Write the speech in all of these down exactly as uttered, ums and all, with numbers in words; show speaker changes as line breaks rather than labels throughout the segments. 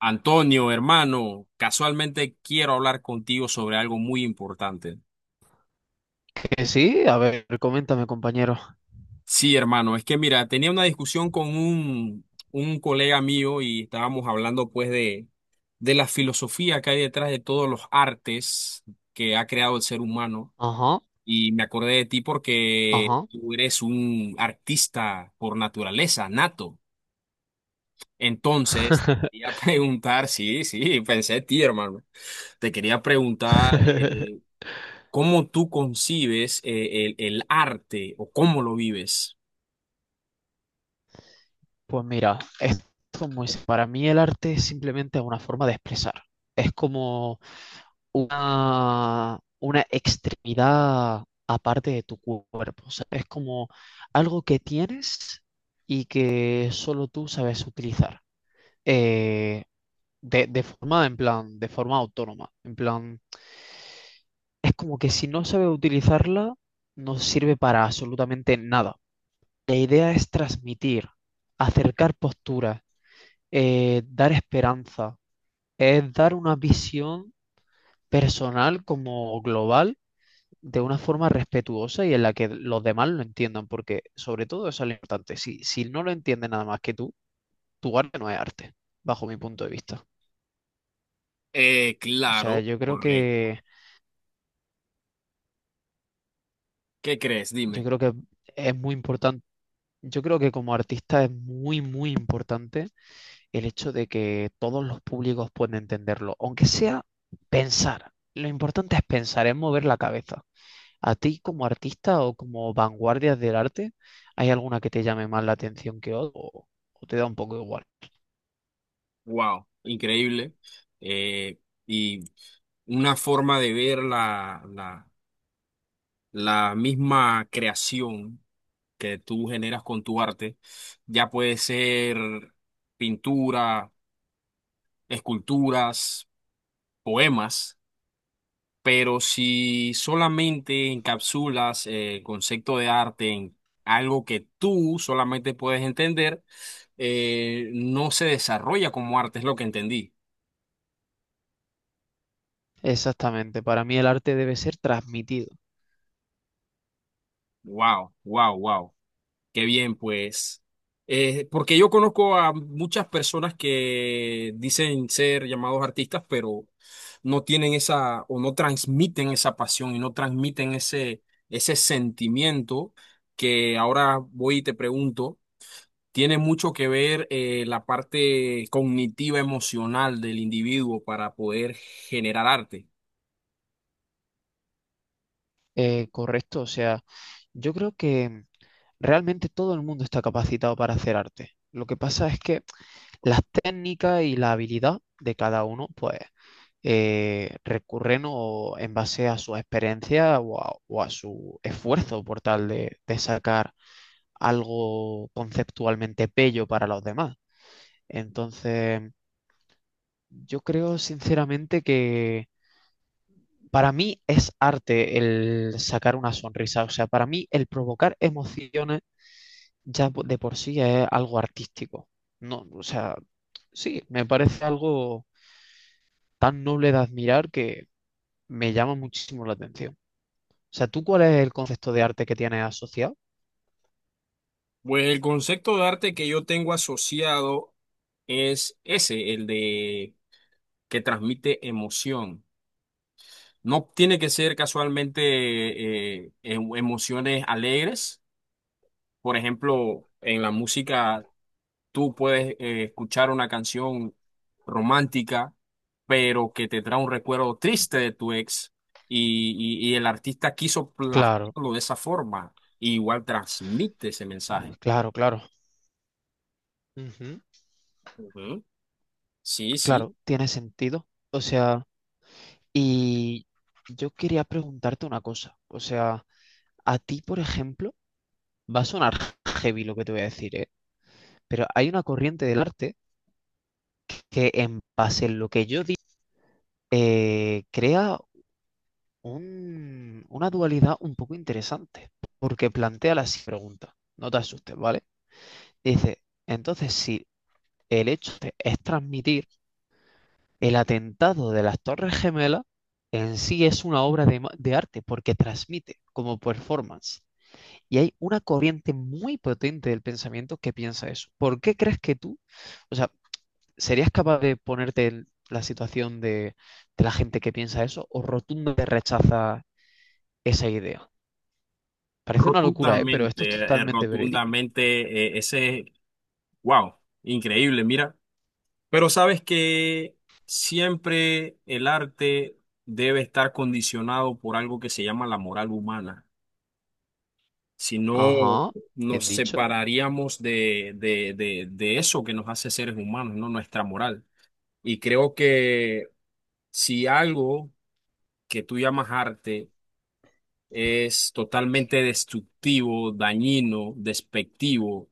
Antonio, hermano, casualmente quiero hablar contigo sobre algo muy importante.
Eh, sí, a ver, coméntame, compañero.
Sí, hermano, es que mira, tenía una discusión con un, un colega mío y estábamos hablando pues de, de la filosofía que hay detrás de todos los artes que ha creado el ser humano.
Ajá,
Y me acordé de ti porque
ajá.
tú eres un artista por naturaleza, nato. Entonces, quería preguntar, sí, sí, pensé en ti, hermano. Te quería preguntar eh, ¿cómo tú concibes eh, el, el arte o cómo lo vives?
Pues mira, esto es muy... sen- para mí el arte es simplemente una forma de expresar. Es como una, una extremidad aparte de tu cuerpo. O sea, es como algo que tienes y que solo tú sabes utilizar. Eh, de, de forma, en plan, de forma autónoma. En plan, es como que si no sabes utilizarla, no sirve para absolutamente nada. La idea es transmitir, acercar posturas, eh, dar esperanza, es dar una visión personal como global de una forma respetuosa y en la que los demás lo entiendan, porque sobre todo eso es lo importante. Si, si no lo entiende nada más que tú, tu arte no es arte, bajo mi punto de vista.
Eh,
O sea,
claro,
yo creo
correcto.
que,
¿Qué crees?
yo
Dime.
creo que es muy importante, yo creo que como artista es muy, muy importante el hecho de que todos los públicos pueden entenderlo, aunque sea pensar. Lo importante es pensar, es mover la cabeza. ¿A ti como artista o como vanguardias del arte, hay alguna que te llame más la atención que otra o, o te da un poco igual?
Wow, increíble. Eh, y una forma de ver la, la, la misma creación que tú generas con tu arte, ya puede ser pintura, esculturas, poemas. Pero si solamente encapsulas eh, el concepto de arte en algo que tú solamente puedes entender, eh, no se desarrolla como arte, es lo que entendí.
Exactamente, para mí el arte debe ser transmitido.
Wow, wow, wow. Qué bien, pues. Eh, porque yo conozco a muchas personas que dicen ser llamados artistas, pero no tienen esa o no transmiten esa pasión y no transmiten ese, ese sentimiento que ahora voy y te pregunto. Tiene mucho que ver eh, la parte cognitiva emocional del individuo para poder generar arte.
eh, correcto. O sea, yo creo que realmente todo el mundo está capacitado para hacer arte. Lo que pasa es que las técnicas y la habilidad de cada uno, pues eh, recurren o en base a su experiencia o a, o a su esfuerzo por tal de, de sacar algo conceptualmente bello para los demás. Entonces, yo creo sinceramente que para mí es arte el sacar una sonrisa, o sea, para mí el provocar emociones ya po- de por sí es algo artístico. No, o sea, sí, me parece algo tan noble de admirar que me llama muchísimo la atención. O sea, ¿tú cuál es el concepto de arte que tienes asociado?
Pues el concepto de arte que yo tengo asociado es ese, el de que transmite emoción. No tiene que ser casualmente eh, em- emociones alegres. Por ejemplo, en la música tú puedes eh, escuchar una canción romántica, pero que te trae un recuerdo triste de tu ex y, y- y el artista quiso
Claro,
plasmarlo de esa forma. Y igual transmite ese mensaje.
claro, claro. Ujú.
Ujú. Sí, sí,
Claro, tiene sentido. O sea, y yo quería preguntarte una cosa. O sea, a ti, por ejemplo, va a sonar heavy lo que te voy a decir, ¿eh? Pero hay una corriente del arte que en base a lo que yo digo, eh, crea un- una dualidad un poco interesante, porque plantea la siguiente pregunta. No te asustes, ¿vale? Dice, entonces si el hecho de- es transmitir el atentado de las Torres Gemelas, en sí es una obra de, ma- de arte, porque transmite como performance. Y hay una corriente muy potente del pensamiento que piensa eso. ¿Por qué crees que tú, o sea, serías capaz de ponerte en la situación de, de la gente que piensa eso o rotundamente rechaza esa idea? Parece una locura, ¿eh? Pero esto
rotundamente,
es
eh, eh,
totalmente verídico.
rotundamente, eh, ese, wow, increíble, mira. Pero sabes que siempre el arte debe estar condicionado por algo que se llama la moral humana. Si no,
Ajá,
nos
bien dicho.
separaríamos de, de, de, de eso que nos hace seres humanos, ¿no? Nuestra moral. Y creo que si algo que tú llamas arte es totalmente destructivo, dañino, despectivo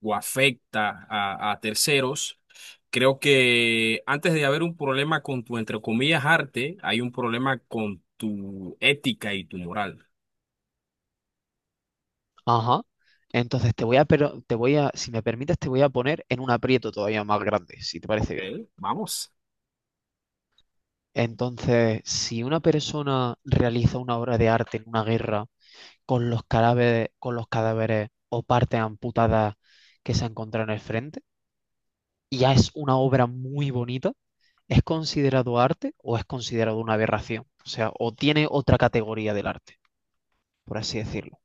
o afecta a, a terceros, creo que antes de haber un problema con tu, entre comillas, arte, hay un problema con tu ética y tu moral.
Ajá. Entonces te voy a, pero te voy a, si me permites, te voy a poner en un aprieto todavía más grande, si te parece
Ok,
bien.
vamos.
Entonces, si una persona realiza una obra de arte en una guerra con los cadáveres, con los cadáveres o partes amputadas que se encuentran en el frente, y ya es una obra muy bonita, ¿es considerado arte o es considerado una aberración? O sea, o tiene otra categoría del arte, por así decirlo.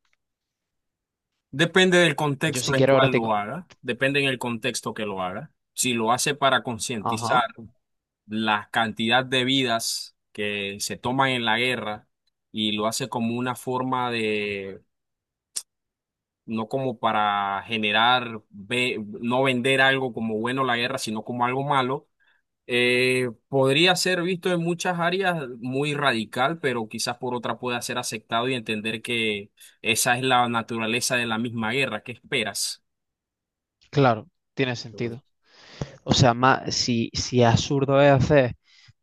Depende del
Yo
contexto
si
en
quiero ahora
cual
te
lo haga, depende en el contexto que lo haga. Si lo hace para
Ajá,
concientizar la cantidad de vidas que se toman en la guerra y lo hace como una forma de, no como para generar, ve- no vender algo como bueno la guerra, sino como algo malo, eh, podría ser visto en muchas áreas muy radical, pero quizás por otra pueda ser aceptado y entender que esa es la naturaleza de la misma guerra. ¿Qué esperas?
claro, tiene sentido. O sea, ma- si, si absurdo es hacer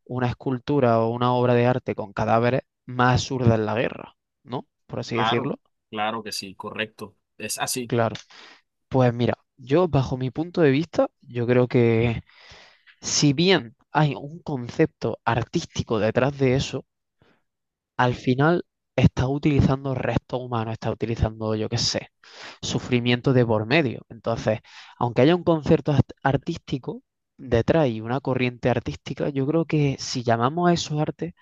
una escultura o una obra de arte con cadáveres, más absurda es la guerra, ¿no? Por así
Claro,
decirlo.
claro que sí, correcto. Es así.
Claro. Pues mira, yo bajo mi punto de vista, yo creo que si bien hay un concepto artístico detrás de eso, al final está utilizando restos humanos, está utilizando, yo qué sé, sufrimiento de por medio. Entonces, aunque haya un concepto art- artístico detrás y una corriente artística, yo creo que si llamamos a eso arte,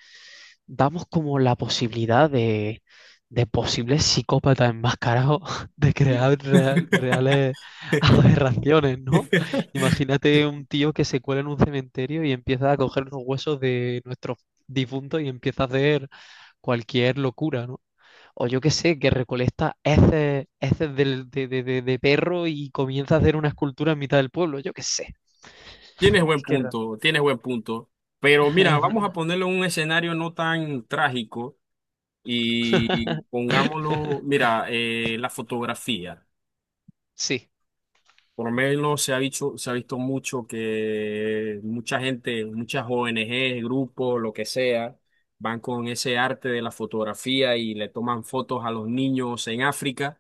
damos como la posibilidad de, de posibles psicópatas enmascarados de crear real- reales aberraciones, ¿no? Imagínate un tío que se cuela en un cementerio y empieza a coger los huesos de nuestros difuntos y empieza a hacer cualquier locura, ¿no? O yo qué sé, que recolecta heces, heces del- de, de- de- de perro y comienza a hacer una escultura en mitad del pueblo, yo qué sé.
Tienes buen
Es que ra-
punto, tienes buen punto. Pero mira,
Es
vamos a
una-
ponerlo en un escenario no tan trágico y pongámoslo, mira, eh, la fotografía.
Sí,
Por lo menos se ha dicho, se ha visto mucho que mucha gente, muchas O N G, grupos, lo que sea, van con ese arte de la fotografía y le toman fotos a los niños en África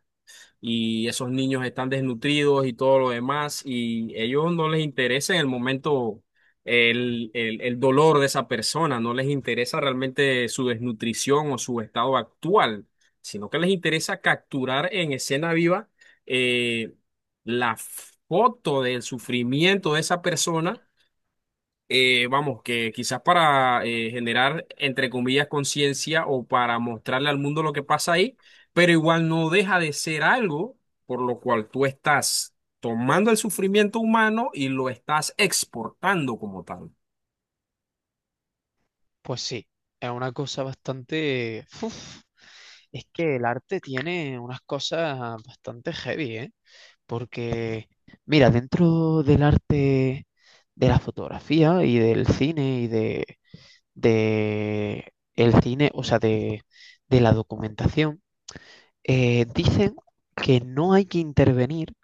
y esos niños están desnutridos y todo lo demás y ellos no les interesa en el momento el, el, el dolor de esa persona, no les interesa realmente su desnutrición o su estado actual, sino que les interesa capturar en escena viva eh, la foto del sufrimiento de esa persona, eh, vamos, que quizás para eh, generar, entre comillas, conciencia o para mostrarle al mundo lo que pasa ahí, pero igual no deja de ser algo por lo cual tú estás tomando el sufrimiento humano y lo estás exportando como tal.
pues sí, es una cosa bastante... Uf, es que el arte tiene unas cosas bastante heavy, ¿eh? Porque, mira, dentro del arte de la fotografía y del cine y de, de el cine, o sea, de, de la documentación, eh, dicen que no hay que intervenir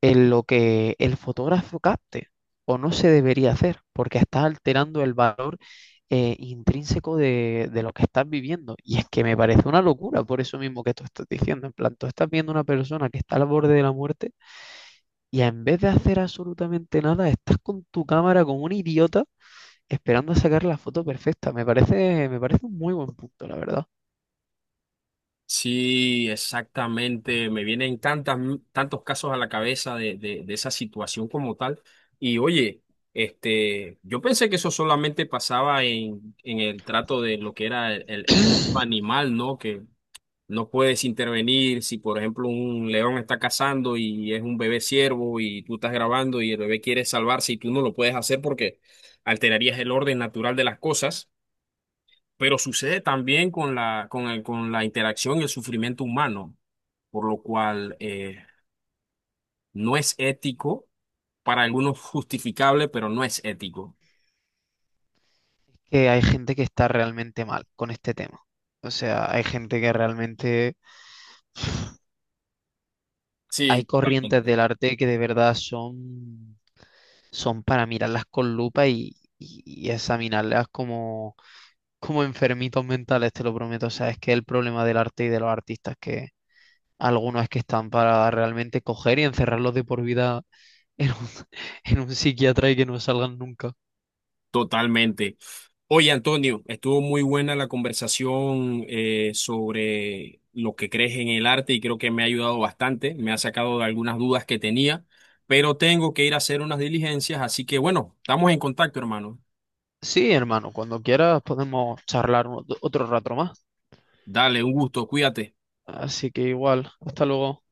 en lo que el fotógrafo capte, o no se debería hacer, porque está alterando el valor eh, intrínseco de, de lo que estás viviendo. Y es que me parece una locura, por eso mismo que tú estás diciendo. En plan, tú estás viendo una persona que está al borde de la muerte y en vez de hacer absolutamente nada, estás con tu cámara como un idiota esperando a sacar la foto perfecta. Me parece, me parece un muy buen punto, la verdad.
Sí, exactamente. Me vienen tantas, tantos casos a la cabeza de, de, de esa situación como tal. Y oye, este, yo pensé que eso solamente pasaba en, en el trato de lo que era el, el- el animal, ¿no? Que no puedes intervenir si, por ejemplo, un león está cazando y es un bebé ciervo y tú estás grabando y el bebé quiere salvarse y tú no lo puedes hacer porque alterarías el orden natural de las cosas. Pero sucede también con la, con el- con la interacción y el sufrimiento humano, por lo cual eh, no es ético, para algunos justificable, pero no es ético.
Que hay gente que está realmente mal con este tema. O sea, hay gente que realmente, hay
Sí,
corrientes
totalmente.
del arte que de verdad son, son para mirarlas con lupa y, y- y examinarlas como, como enfermitos mentales, te lo prometo. O sea, es que el problema del arte y de los artistas que algunos es que están para realmente coger y encerrarlos de por vida en un, en un psiquiatra y que no salgan nunca.
Totalmente. Oye, Antonio, estuvo muy buena la conversación eh, sobre lo que crees en el arte y creo que me ha ayudado bastante, me ha sacado de algunas dudas que tenía, pero tengo que ir a hacer unas diligencias, así que bueno, estamos en contacto, hermano.
Sí, hermano, cuando quieras podemos charlar un- otro rato más.
Dale, un gusto, cuídate.
Así que igual, hasta luego.